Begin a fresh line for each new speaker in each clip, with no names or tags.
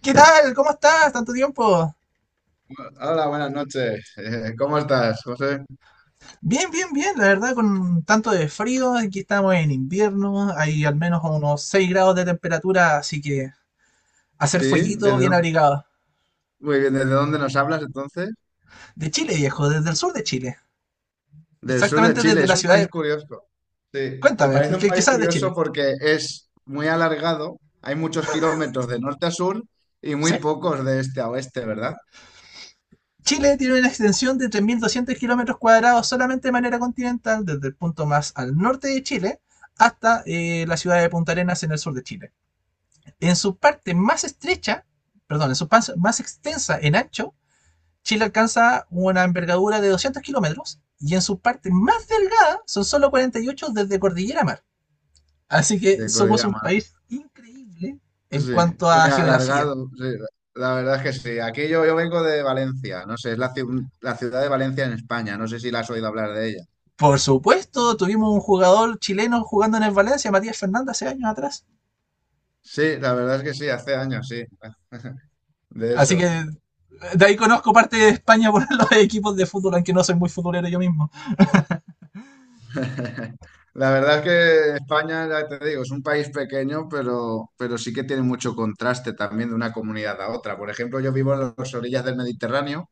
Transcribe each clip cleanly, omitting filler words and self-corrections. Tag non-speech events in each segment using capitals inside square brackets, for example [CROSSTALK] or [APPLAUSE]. ¿Qué tal? ¿Cómo estás? ¿Tanto tiempo?
Hola, buenas noches. ¿Cómo estás, José?
Bien, la verdad, con tanto de frío, aquí estamos en invierno, hay al menos unos 6 grados de temperatura, así que hacer
Sí,
fueguito
¿Desde
bien
dó-
abrigado.
muy bien. ¿Desde dónde nos hablas entonces?
De Chile, viejo, desde el sur de Chile,
Del sur de
exactamente
Chile.
desde
Es
la
un
ciudad
país
de...
curioso. Sí, me
Cuéntame,
parece un
porque el que
país
sabe de
curioso
Chile.
porque es muy alargado. Hay muchos kilómetros de norte a sur y
Sí.
muy pocos de este a oeste, ¿verdad?
Chile tiene una extensión de 3.200 kilómetros cuadrados solamente de manera continental, desde el punto más al norte de Chile hasta la ciudad de Punta Arenas en el sur de Chile. En su parte más estrecha, en su parte más extensa en ancho, Chile alcanza una envergadura de 200 kilómetros y en su parte más delgada son solo 48 desde Cordillera Mar. Así que
De
somos
Cordillera
un
Mar.
país increíble en
Sí,
cuanto
muy
a geografía.
alargado. Sí, la verdad es que sí. Aquí yo vengo de Valencia. No sé, es la ciudad de Valencia en España. No sé si la has oído hablar de ella.
Por supuesto, tuvimos un jugador chileno jugando en el Valencia, Matías Fernández, hace años atrás.
Sí, la verdad es que sí, hace años, sí, de
Así que
eso.
de ahí conozco parte de España por [LAUGHS] los equipos de fútbol, aunque no soy muy futbolero yo mismo.
[LAUGHS] La verdad es que España, ya te digo, es un país pequeño, pero sí que tiene mucho contraste también de una comunidad a otra. Por ejemplo, yo vivo en las orillas del Mediterráneo,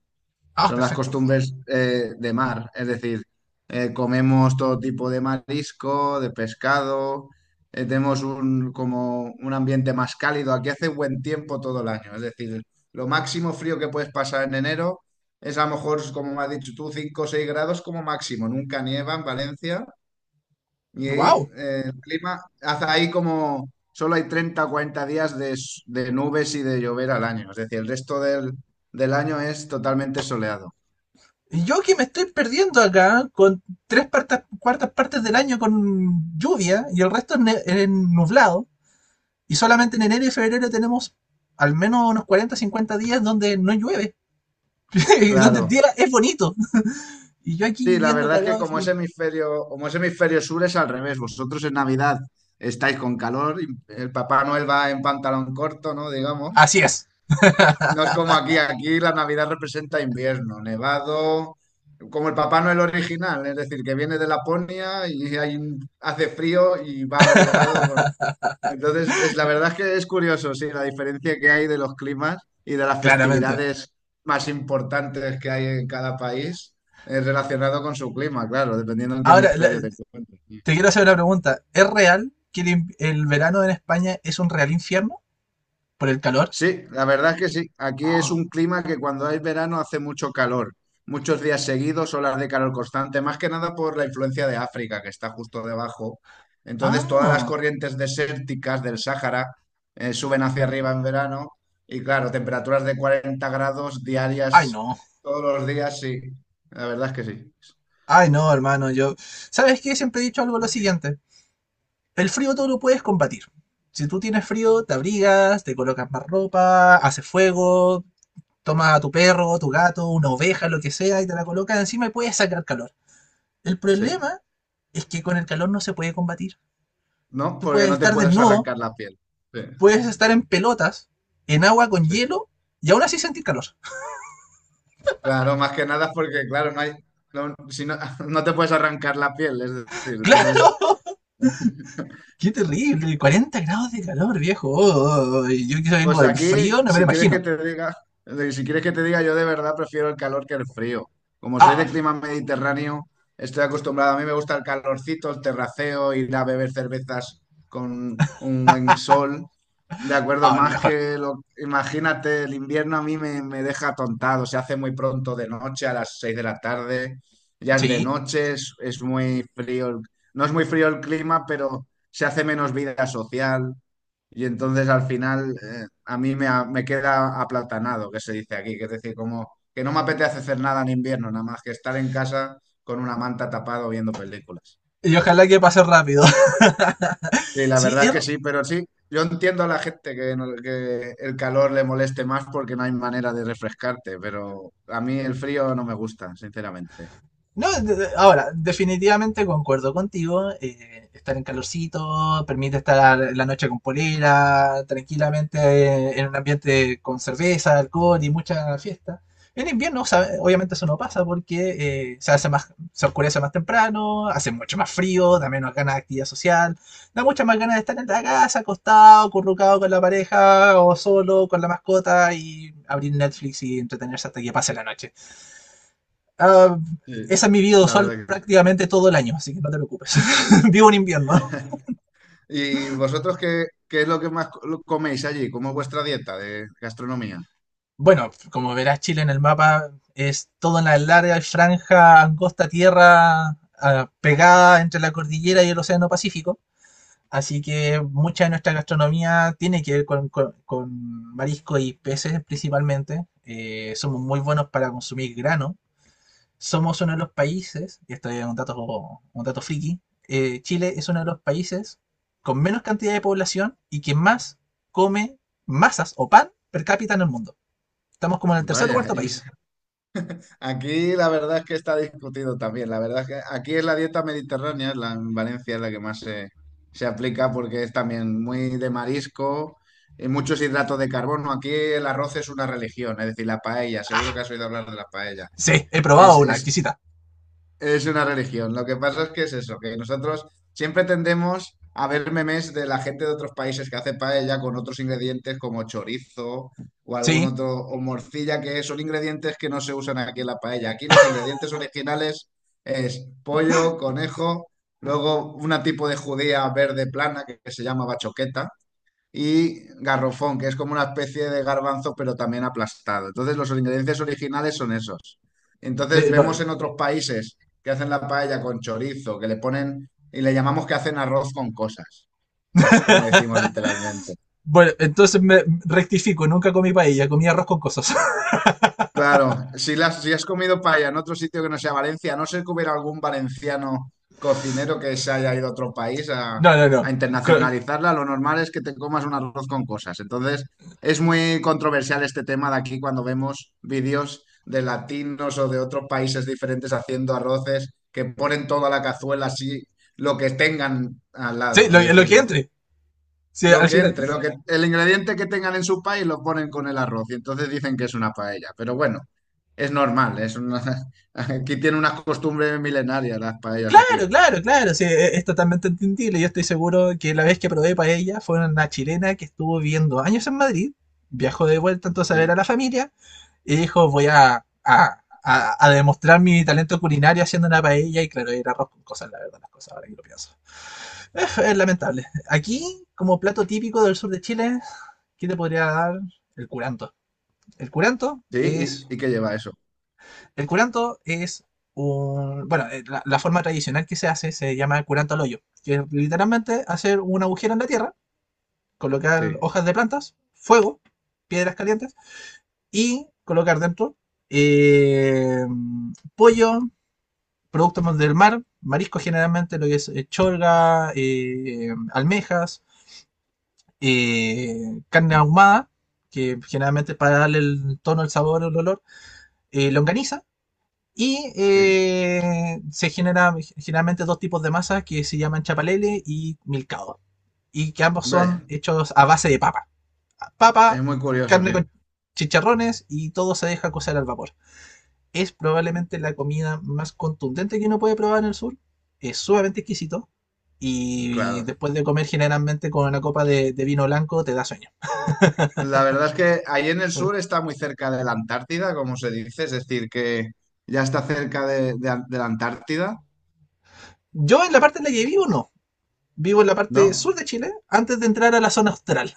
Ah,
son las
perfecto.
costumbres de mar, es decir, comemos todo tipo de marisco, de pescado, tenemos como un ambiente más cálido. Aquí hace buen tiempo todo el año, es decir, lo máximo frío que puedes pasar en enero es a lo mejor, como me has dicho tú, 5 o 6 grados como máximo, nunca nieva en Valencia. Y ahí,
¡Wow!
el clima, hace ahí como solo hay treinta o 40 días de nubes y de llover al año. Es decir, el resto del año es totalmente soleado.
Y yo que me estoy perdiendo acá con cuartas partes del año con lluvia y el resto es es nublado. Y solamente en enero y febrero tenemos al menos unos 40 50 días donde no llueve, [LAUGHS] y donde el
Claro.
día es bonito. Y yo aquí
Sí, la
viviendo
verdad es que
cagado de
como es
frío.
hemisferio, como es hemisferio sur es al revés. Vosotros en Navidad estáis con calor y el Papá Noel va en pantalón corto, ¿no? Digamos.
Así es,
No es como aquí la Navidad representa invierno, nevado, como el Papá Noel original, es decir, que viene de Laponia y hace frío y va abrigado con... Entonces, la verdad es que es curioso, sí, la diferencia que hay de los climas y de las
claramente.
festividades más importantes que hay en cada país relacionado con su clima, claro, dependiendo en qué
Ahora,
hemisferio te encuentres.
te quiero hacer una pregunta. ¿Es real que el verano en España es un real infierno por el calor?
Sí, la verdad es que sí. Aquí es
Ah,
un clima que cuando hay verano hace mucho calor, muchos días seguidos, olas de calor constante, más que nada por la influencia de África, que está justo debajo. Entonces, todas las
ah.
corrientes desérticas del Sáhara suben hacia arriba en verano y, claro, temperaturas de 40 grados
Ay
diarias
no,
todos los días, sí. La verdad es que sí.
ay no, hermano, yo... ¿Sabes qué? Siempre he dicho algo lo siguiente. El frío todo lo puedes combatir. Si tú tienes frío, te abrigas, te colocas más ropa, haces fuego, tomas a tu perro, tu gato, una oveja, lo que sea, y te la colocas encima y puedes sacar calor. El
Sí.
problema es que con el calor no se puede combatir.
¿No?
Tú
Porque
puedes
no te
estar
puedes
desnudo,
arrancar la piel. Sí,
puedes estar en pelotas, en agua con
sí.
hielo, y aún así sentir calor.
Claro, más que nada porque, claro, no hay, no, si no, [LAUGHS] no te puedes arrancar la piel, es decir,
[LAUGHS]
entonces,
¡Claro! ¡Qué terrible! 40 grados de calor, viejo. Oh, oh, oh. Oh. Yo que vengo
pues
del
aquí,
frío, no me lo
si quieres que
imagino.
te diga, de- si quieres que te diga, yo de verdad prefiero el calor que el frío. Como soy
Ah,
de clima mediterráneo, estoy acostumbrado. A mí me gusta el calorcito, el terraceo, ir a beber cervezas con un buen sol. De acuerdo,
ah, lo
más
mejor.
que lo... Imagínate, el invierno a mí me deja atontado. Se hace muy pronto de noche, a las seis de la tarde. Ya es de
Sí.
noche, es muy frío. No es muy frío el clima, pero se hace menos vida social. Y entonces al final a mí me queda aplatanado, que se dice aquí, que es decir, como que no me apetece hacer nada en invierno, nada más que estar en casa con una manta tapado viendo películas.
Y ojalá que pase rápido. [LAUGHS]
Sí, la
Sí,
verdad es
es
que sí, pero sí, yo entiendo a la gente que, que el calor le moleste más porque no hay manera de refrescarte, pero a mí el frío no me gusta, sinceramente.
no, ahora, definitivamente concuerdo contigo. Estar en calorcito permite estar la noche con polera, tranquilamente en un ambiente con cerveza, alcohol y mucha fiesta. En invierno, obviamente eso no pasa porque se hace más, se oscurece más temprano, hace mucho más frío, da menos ganas de actividad social, da muchas más ganas de estar en la casa, acostado, currucado con la pareja o solo con la mascota y abrir Netflix y entretenerse hasta que pase la noche. Ah,
Sí,
esa es mi vida
la
sol
verdad que sí.
prácticamente todo el año, así que no te preocupes. [LAUGHS] Vivo en invierno.
[LAUGHS] ¿Y vosotros qué es lo que más coméis allí? ¿Cómo es vuestra dieta de gastronomía?
Bueno, como verás, Chile en el mapa es toda una larga franja angosta tierra ah, pegada entre la cordillera y el Océano Pacífico. Así que mucha de nuestra gastronomía tiene que ver con marisco y peces principalmente. Somos muy buenos para consumir grano, somos uno de los países, y esto es un dato friki, Chile es uno de los países con menos cantidad de población y que más come masas o pan per cápita en el mundo. Estamos como en el tercer o
Vaya,
cuarto país.
aquí la verdad es que está discutido también. La verdad es que aquí es la dieta mediterránea, en Valencia es la que más se aplica porque es también muy de marisco y muchos hidratos de carbono. Aquí el arroz es una religión, es decir, la paella. Seguro que has oído hablar de la paella.
Sí, he probado
Es,
una
es
exquisita.
es una religión. Lo que pasa es que es eso, que nosotros siempre tendemos a ver memes de la gente de otros países que hace paella con otros ingredientes como chorizo o algún
Sí.
otro, o morcilla, que son ingredientes que no se usan aquí en la paella. Aquí los ingredientes originales es pollo, conejo, luego una tipo de judía verde plana que se llama bachoqueta y garrofón, que es como una especie de garbanzo, pero también aplastado. Entonces, los ingredientes originales son esos. Entonces,
Bueno,
vemos en otros países que hacen la paella con chorizo, que le ponen y le llamamos que hacen arroz con cosas. Es como decimos literalmente.
bueno, entonces me rectifico, nunca comí paella, comí arroz con cosas. [LAUGHS]
Claro, si has comido paella en otro sitio que no sea Valencia, a no ser que hubiera algún valenciano cocinero que se haya ido a otro país a,
No, no, no.
a
Co-
internacionalizarla, lo normal es que te comas un arroz con cosas. Entonces, es muy controversial este tema de aquí cuando vemos vídeos de latinos o de otros países diferentes haciendo arroces que ponen toda la cazuela así, lo que tengan al
Sí,
lado. Es
lo
decir,
que entre. Sí,
lo
al
que
final,
entre, bueno, el ingrediente que tengan en su país lo ponen con el arroz y entonces dicen que es una paella. Pero bueno, es normal, [LAUGHS] aquí tiene unas costumbres milenarias las paellas aquí.
claro, claro, sí, es totalmente entendible. Yo estoy seguro que la vez que probé paella fue una chilena que estuvo viviendo años en Madrid, viajó de vuelta entonces a
Sí,
ver a la familia y dijo, voy a, a demostrar mi talento culinario haciendo una paella y claro, era arroz con cosas, la verdad, las cosas ahora que lo pienso. [LAUGHS] Es lamentable. Aquí, como plato típico del sur de Chile, ¿qué te podría dar? El curanto. El curanto
sí,
es
y que lleva eso.
el curanto es un... Bueno, la forma tradicional que se hace se llama curanto al hoyo, que es literalmente hacer un agujero en la tierra, colocar
Sí,
hojas de plantas, fuego, piedras calientes y colocar dentro eh, pollo, productos del mar, marisco generalmente, lo que es cholga, almejas, carne ahumada, que generalmente para darle el tono, el sabor, el olor, longaniza, y
sí.
se generan generalmente dos tipos de masa que se llaman chapalele y milcao. Y que ambos
Ve,
son hechos a base de papa.
es
Papa,
muy curioso,
carne
sí,
con chicharrones y todo se deja cocer al vapor. Es probablemente la comida más contundente que uno puede probar en el sur. Es sumamente exquisito. Y
claro.
después de comer generalmente con una copa de vino blanco te da sueño.
La verdad es que ahí en el
¿Mm?
sur está muy cerca de la Antártida, como se dice, es decir, que ya está cerca de la Antártida,
Yo en la parte en la que vivo no. Vivo en la parte sur
¿no?
de Chile antes de entrar a la zona austral.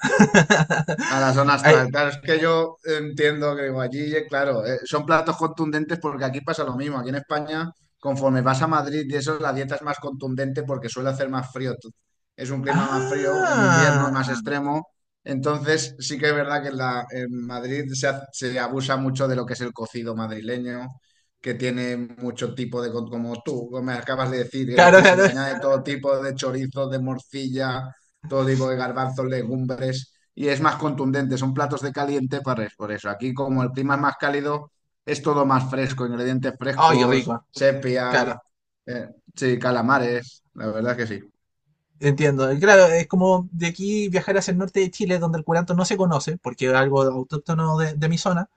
A la zona astral,
[LAUGHS]
claro, es que yo entiendo que digo, allí, claro, son platos contundentes porque aquí pasa lo mismo. Aquí en España, conforme vas a Madrid y eso, la dieta es más contundente porque suele hacer más frío. Es un clima más frío, en invierno es más
Ah,
extremo. Entonces, sí que es verdad que en Madrid se abusa mucho de lo que es el cocido madrileño, que tiene mucho tipo de, como tú me acabas de decir, es
claro,
decir, se le
claro.
añade todo tipo de chorizos, de morcilla, todo tipo de garbanzos, legumbres y es más contundente, son platos de caliente para por eso. Aquí como el clima es más cálido, es todo más fresco, ingredientes
Ay, qué
frescos,
rico.
sepia,
Claro,
eh, sí, calamares, la verdad que sí,
entiendo. Y claro, es como de aquí viajar hacia el norte de Chile, donde el curanto no se conoce, porque es algo autóctono de mi zona,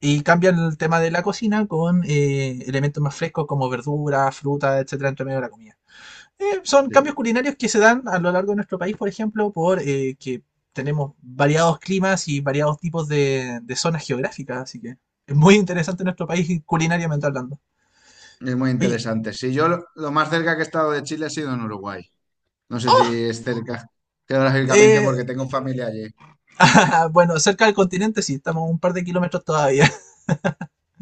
y cambian el tema de la cocina con elementos más frescos como verduras, frutas, etcétera, entre medio de la comida. Son cambios
sí,
culinarios que se dan a lo largo de nuestro país, por ejemplo, por que tenemos variados climas y variados tipos de zonas geográficas, así que es muy interesante nuestro país culinariamente hablando.
es muy
Oye,
interesante. Sí, yo lo más cerca que he estado de Chile ha sido en Uruguay, no sé
¡oh!
si es cerca geográficamente
Eh,
porque tengo familia allí.
[LAUGHS] bueno, cerca del continente sí, estamos un par de kilómetros todavía. [LAUGHS]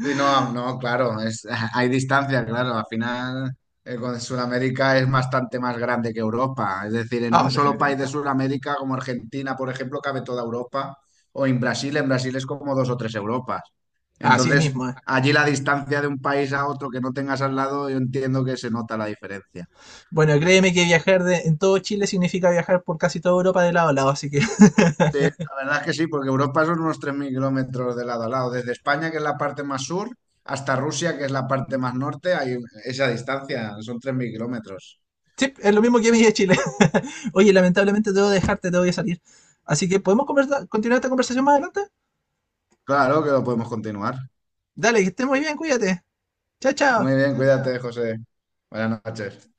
Sí, no, no, claro, [LAUGHS] hay distancia, claro. Al final, con Sudamérica es bastante más grande que Europa. Es decir, en un
Ah,
solo país de
definitivamente.
Sudamérica, como Argentina, por ejemplo, cabe toda Europa. O en Brasil es como dos o tres Europas.
Así
Entonces,
mismo. Eh.
allí la distancia de un país a otro que no tengas al lado, yo entiendo que se nota la diferencia.
Bueno, créeme que viajar en todo Chile significa viajar por casi toda Europa de lado a lado, así que [LAUGHS]
Sí, la verdad es que sí, porque Europa son unos 3.000 kilómetros de lado a lado. Desde España, que es la parte más sur, hasta Rusia, que es la parte más norte, hay esa distancia, son 3.000 kilómetros.
sí, es lo mismo que mí de Chile. [LAUGHS] Oye, lamentablemente debo dejarte, tengo que salir. Así que, ¿podemos continuar esta conversación más adelante?
Claro que lo podemos continuar.
Dale, que estés muy bien, cuídate. Chao, chao.
Muy bien, cuídate, José. Buenas noches.